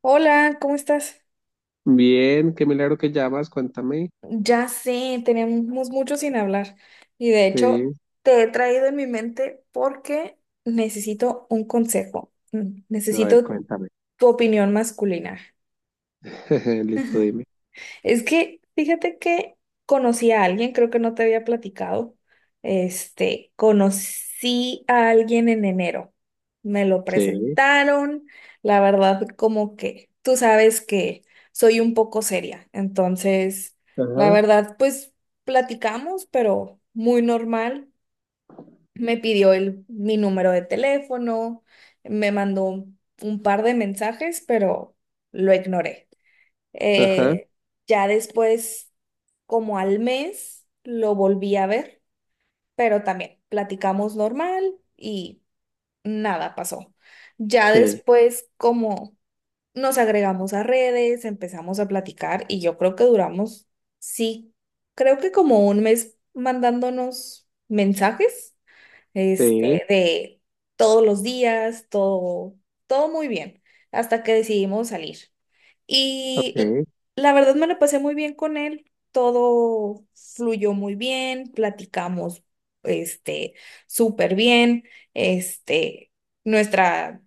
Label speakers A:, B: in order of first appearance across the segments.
A: Hola, ¿cómo estás?
B: Bien, qué milagro que llamas, cuéntame.
A: Ya sé, tenemos mucho sin hablar y de hecho
B: Sí,
A: te he traído en mi mente porque necesito un consejo.
B: a ver,
A: Necesito
B: cuéntame.
A: tu opinión masculina.
B: Listo, dime.
A: Es que fíjate que conocí a alguien, creo que no te había platicado. Este, conocí a alguien en enero. Me lo
B: Sí,
A: presentaron. La verdad, como que tú sabes que soy un poco seria. Entonces, la
B: ajá,
A: verdad, pues platicamos, pero muy normal. Me pidió mi número de teléfono, me mandó un par de mensajes, pero lo ignoré.
B: ajá,
A: Eh, ya después, como al mes, lo volví a ver, pero también platicamos normal y nada pasó. Ya
B: sí,
A: después, como nos agregamos a redes, empezamos a platicar y yo creo que duramos, sí, creo que como un mes mandándonos mensajes,
B: sí,
A: este, de todos los días, todo, todo muy bien, hasta que decidimos salir. Y l-
B: ok,
A: la verdad me la pasé muy bien con él, todo fluyó muy bien, platicamos este súper bien, este nuestra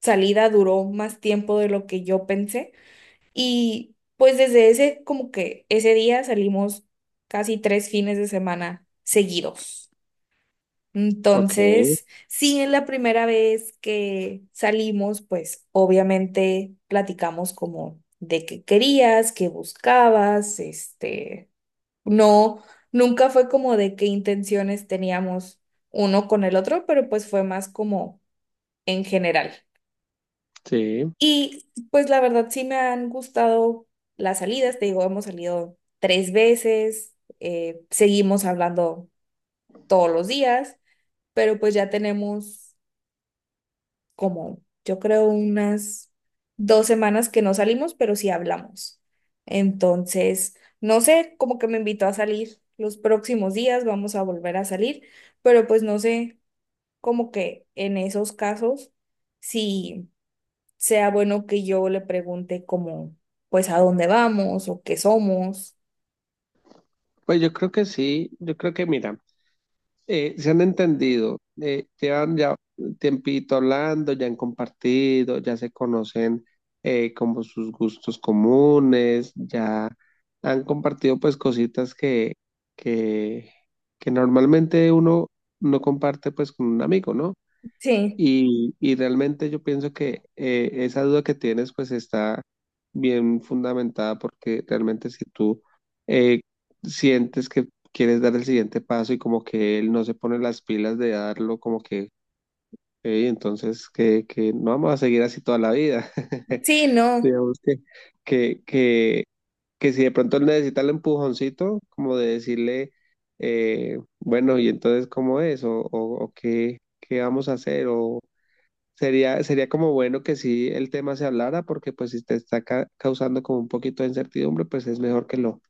A: salida duró más tiempo de lo que yo pensé y pues desde ese como que ese día salimos casi 3 fines de semana seguidos.
B: ok,
A: Entonces, sí, en la primera vez que salimos, pues obviamente platicamos como de qué querías, qué buscabas, este, no, nunca fue como de qué intenciones teníamos uno con el otro, pero pues fue más como en general.
B: sí.
A: Y pues la verdad sí me han gustado las salidas, te digo, hemos salido tres veces, seguimos hablando todos los días, pero pues ya tenemos como yo creo unas 2 semanas que no salimos, pero sí hablamos. Entonces, no sé, como que me invitó a salir los próximos días, vamos a volver a salir, pero pues no sé, como que en esos casos, si sea bueno que yo le pregunte como, pues a dónde vamos o qué somos.
B: Pues yo creo que sí, yo creo que mira. Se han entendido, llevan ya un tiempito hablando, ya han compartido, ya se conocen como sus gustos comunes, ya han compartido pues cositas que, que normalmente uno no comparte pues con un amigo, ¿no?
A: Sí,
B: Y realmente yo pienso que esa duda que tienes pues está bien fundamentada porque realmente si tú eh, sientes que quieres dar el siguiente paso y como que él no se pone las pilas de darlo, como que "Ey, entonces que no vamos a seguir así toda la vida."
A: sí, no.
B: Digamos que, que, que si de pronto él necesita el empujoncito, como de decirle, bueno, y entonces cómo es o qué, qué vamos a hacer o sería como bueno que sí el tema se hablara, porque pues si te está causando como un poquito de incertidumbre, pues es mejor que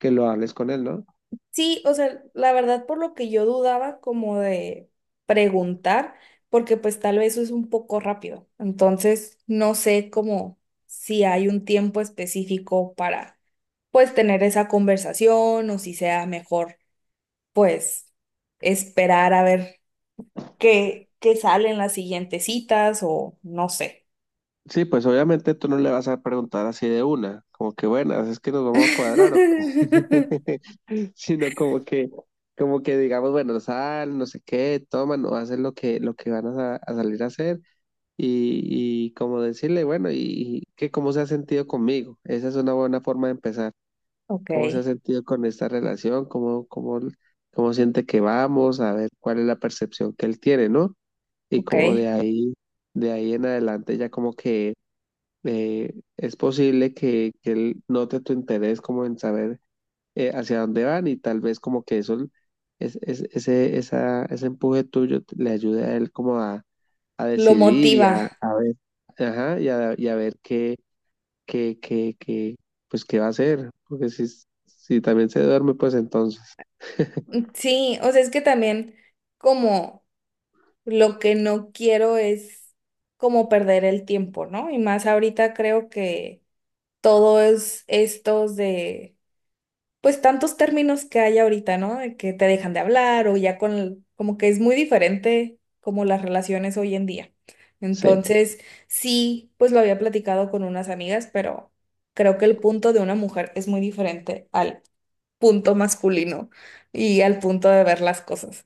B: que lo hables con él, ¿no?
A: Sí, o sea, la verdad por lo que yo dudaba como de preguntar, porque pues tal vez eso es un poco rápido. Entonces, no sé como si hay un tiempo específico para pues tener esa conversación o si sea mejor pues esperar a ver qué salen las siguientes citas o no sé.
B: Sí, pues obviamente tú no le vas a preguntar así de una, como que bueno, es que nos vamos a cuadrar o qué? Sino como que digamos, bueno, sal, no sé qué, toma, no hacen lo que van a, a salir a hacer, y como decirle, bueno, y que cómo se ha sentido conmigo, esa es una buena forma de empezar.
A: Ok,
B: ¿Cómo se ha sentido con esta relación? ¿Cómo, cómo, cómo siente que vamos? A ver cuál es la percepción que él tiene, ¿no? Y
A: ok.
B: como de ahí en adelante ya como que es posible que él note tu interés como en saber hacia dónde van y tal vez como que eso, ese empuje tuyo le ayude a él como a
A: Lo
B: decidir y
A: motiva.
B: a ver, ajá, y a ver qué que, que, que, pues, ¿qué va a hacer? Porque si, si también se duerme, pues entonces,
A: Sí, o sea, es que también como, lo que no quiero es como perder el tiempo, ¿no? Y más ahorita creo que todos estos de, pues tantos términos que hay ahorita, ¿no? De que te dejan de hablar o ya como que es muy diferente como las relaciones hoy en día.
B: sí.
A: Entonces, sí, pues lo había platicado con unas amigas, pero creo que el punto de una mujer es muy diferente al punto masculino y al punto de ver las cosas.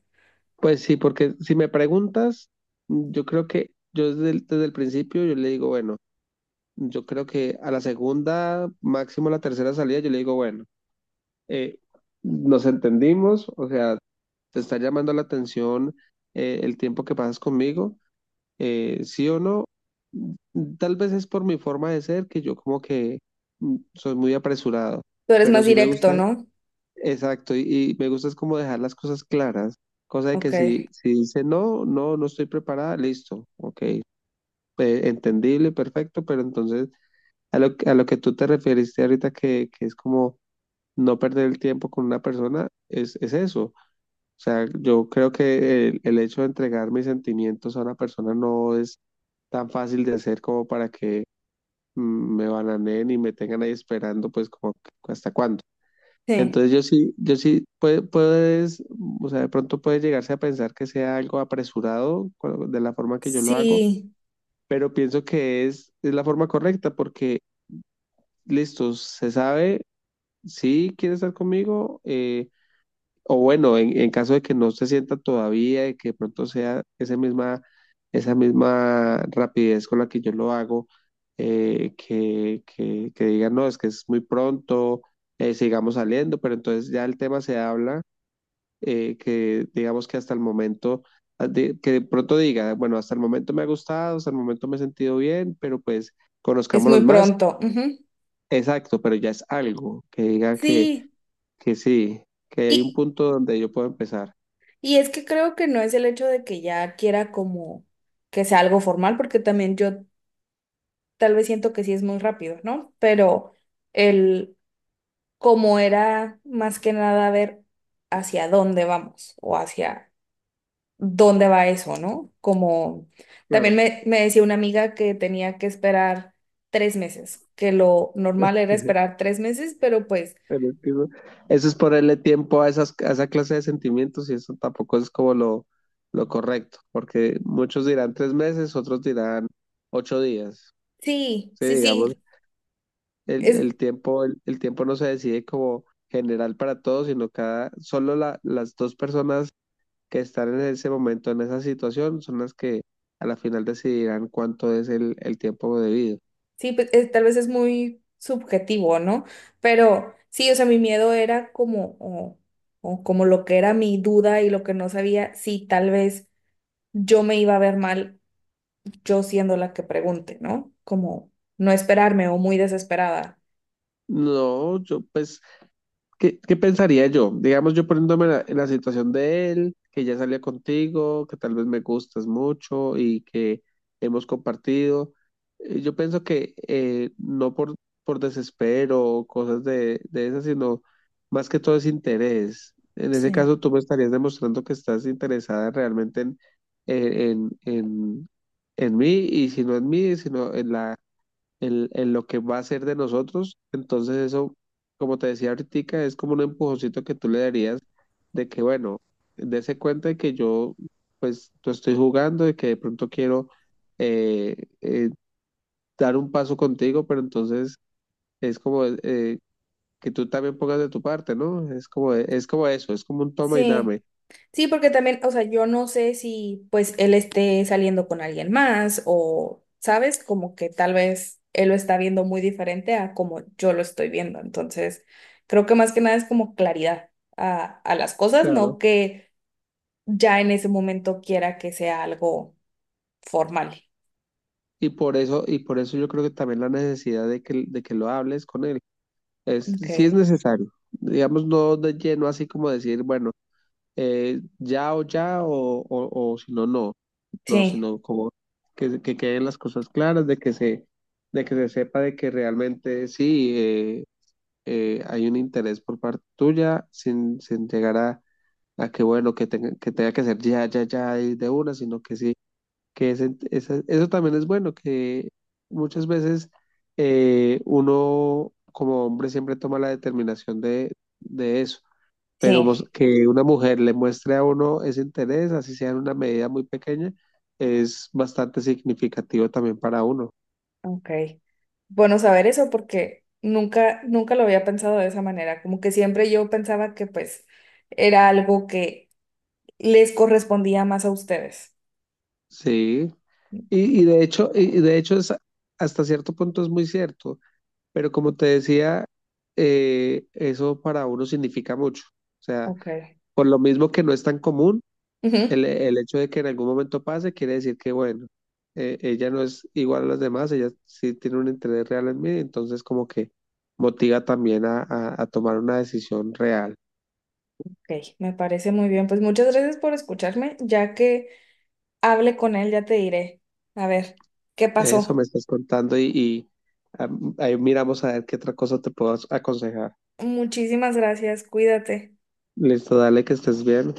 B: Pues sí, porque si me preguntas, yo creo que yo desde el principio yo le digo, bueno, yo creo que a la segunda, máximo a la tercera salida, yo le digo, bueno, eh, nos entendimos, o sea, te está llamando la atención, el tiempo que pasas conmigo. Sí o no, tal vez es por mi forma de ser, que yo como que soy muy apresurado,
A: Tú eres
B: pero
A: más
B: sí me
A: directo,
B: gusta,
A: ¿no?
B: exacto, y me gusta es como dejar las cosas claras, cosa de
A: Ok.
B: que si, si dice no, no, no estoy preparada, listo, ok, entendible, perfecto. Pero entonces a lo, a lo que tú te referiste ahorita que es como no perder el tiempo con una persona, es eso. O sea, yo creo que el hecho de entregar mis sentimientos a una persona no es tan fácil de hacer como para que me bananeen y me tengan ahí esperando, pues como que, hasta cuándo.
A: Sí.
B: Entonces yo sí, yo sí, puedes, o sea, de pronto puede llegarse a pensar que sea algo apresurado de la forma que yo lo hago,
A: Sí,
B: pero pienso que es la forma correcta porque, listo, se sabe, si quiere estar conmigo. O bueno, en caso de que no se sienta todavía y que de pronto sea esa misma rapidez con la que yo lo hago, que digan, no, es que es muy pronto, sigamos saliendo, pero entonces ya el tema se habla, que digamos que hasta el momento, que de pronto diga, bueno, hasta el momento me ha gustado, hasta el momento me he sentido bien, pero pues
A: es muy
B: conozcámonos más,
A: pronto. Ujú.
B: exacto, pero ya es algo, que diga
A: Sí,
B: que sí, que hay un
A: y,
B: punto donde yo puedo empezar.
A: y es que creo que no es el hecho de que ya quiera como que sea algo formal, porque también yo tal vez siento que sí es muy rápido, ¿no? Pero el como era más que nada ver hacia dónde vamos o hacia dónde va eso, ¿no? Como también
B: Claro.
A: me decía una amiga que tenía que esperar 3 meses, que lo normal era esperar 3 meses, pero pues
B: Pero es que eso es ponerle tiempo a esas, a esa clase de sentimientos y eso tampoco es como lo correcto, porque muchos dirán 3 meses, otros dirán 8 días.
A: sí,
B: Sí,
A: sí,
B: digamos,
A: sí. Es,
B: el tiempo no se decide como general para todos, sino cada, solo las 2 personas que están en ese momento, en esa situación, son las que a la final decidirán cuánto es el tiempo debido.
A: Sí, pues, tal vez es muy subjetivo, ¿no? Pero sí, o sea, mi miedo era como, o como lo que era mi duda y lo que no sabía, si tal vez yo me iba a ver mal, yo siendo la que pregunte, ¿no? Como no esperarme o muy desesperada.
B: No, yo pues ¿qué, qué pensaría yo? Digamos, yo poniéndome en la situación de él, que ya salió contigo, que tal vez me gustas mucho y que hemos compartido. Yo pienso que no por, por desespero o cosas de esas, sino más que todo es interés. En ese
A: Sí.
B: caso, tú me estarías demostrando que estás interesada realmente en, en, en, en mí, y si no en mí, sino en la en lo que va a ser de nosotros. Entonces eso, como te decía ahorita, es como un empujoncito que tú le darías de que, bueno, dése cuenta de que yo, pues, tú estoy jugando, de que de pronto quiero eh, eh, dar un paso contigo, pero entonces es como que tú también pongas de tu parte, ¿no? Es como eso, es como un toma y
A: Sí.
B: dame.
A: Sí, porque también, o sea, yo no sé si pues él esté saliendo con alguien más o, ¿sabes? Como que tal vez él lo está viendo muy diferente a como yo lo estoy viendo. Entonces, creo que más que nada es como claridad a las cosas,
B: Claro.
A: no que ya en ese momento quiera que sea algo formal.
B: Y por eso yo creo que también la necesidad de que lo hables con él. Es,
A: Ok.
B: sí es necesario. Digamos, no de lleno así como decir, bueno, ya o ya o si no, no. No,
A: Sí,
B: sino como que queden las cosas claras, de que se sepa de que realmente sí hay un interés por parte tuya, sin, sin llegar a que, bueno, que tenga, que tenga que ser ya, ya, ya y de una, sino que sí que eso también es bueno, que muchas veces uno como hombre siempre toma la determinación de eso, pero
A: sí.
B: que una mujer le muestre a uno ese interés, así sea en una medida muy pequeña, es bastante significativo también para uno.
A: Ok. Bueno, saber eso porque nunca, nunca lo había pensado de esa manera. Como que siempre yo pensaba que pues era algo que les correspondía más a ustedes.
B: Sí, y de hecho, y de hecho hasta cierto punto es muy cierto, pero como te decía, eso para uno significa mucho. O sea,
A: Ok.
B: por lo mismo que no es tan común,
A: Ujú.
B: el hecho de que en algún momento pase quiere decir que, bueno, ella no es igual a las demás, ella sí tiene un interés real en mí, entonces como que motiva también a, a tomar una decisión real.
A: Ok, me parece muy bien. Pues muchas gracias por escucharme. Ya que hable con él, ya te diré. A ver, ¿qué
B: Eso me
A: pasó?
B: estás contando y ahí miramos a ver qué otra cosa te puedo aconsejar.
A: Muchísimas gracias. Cuídate.
B: Listo, dale que estés bien.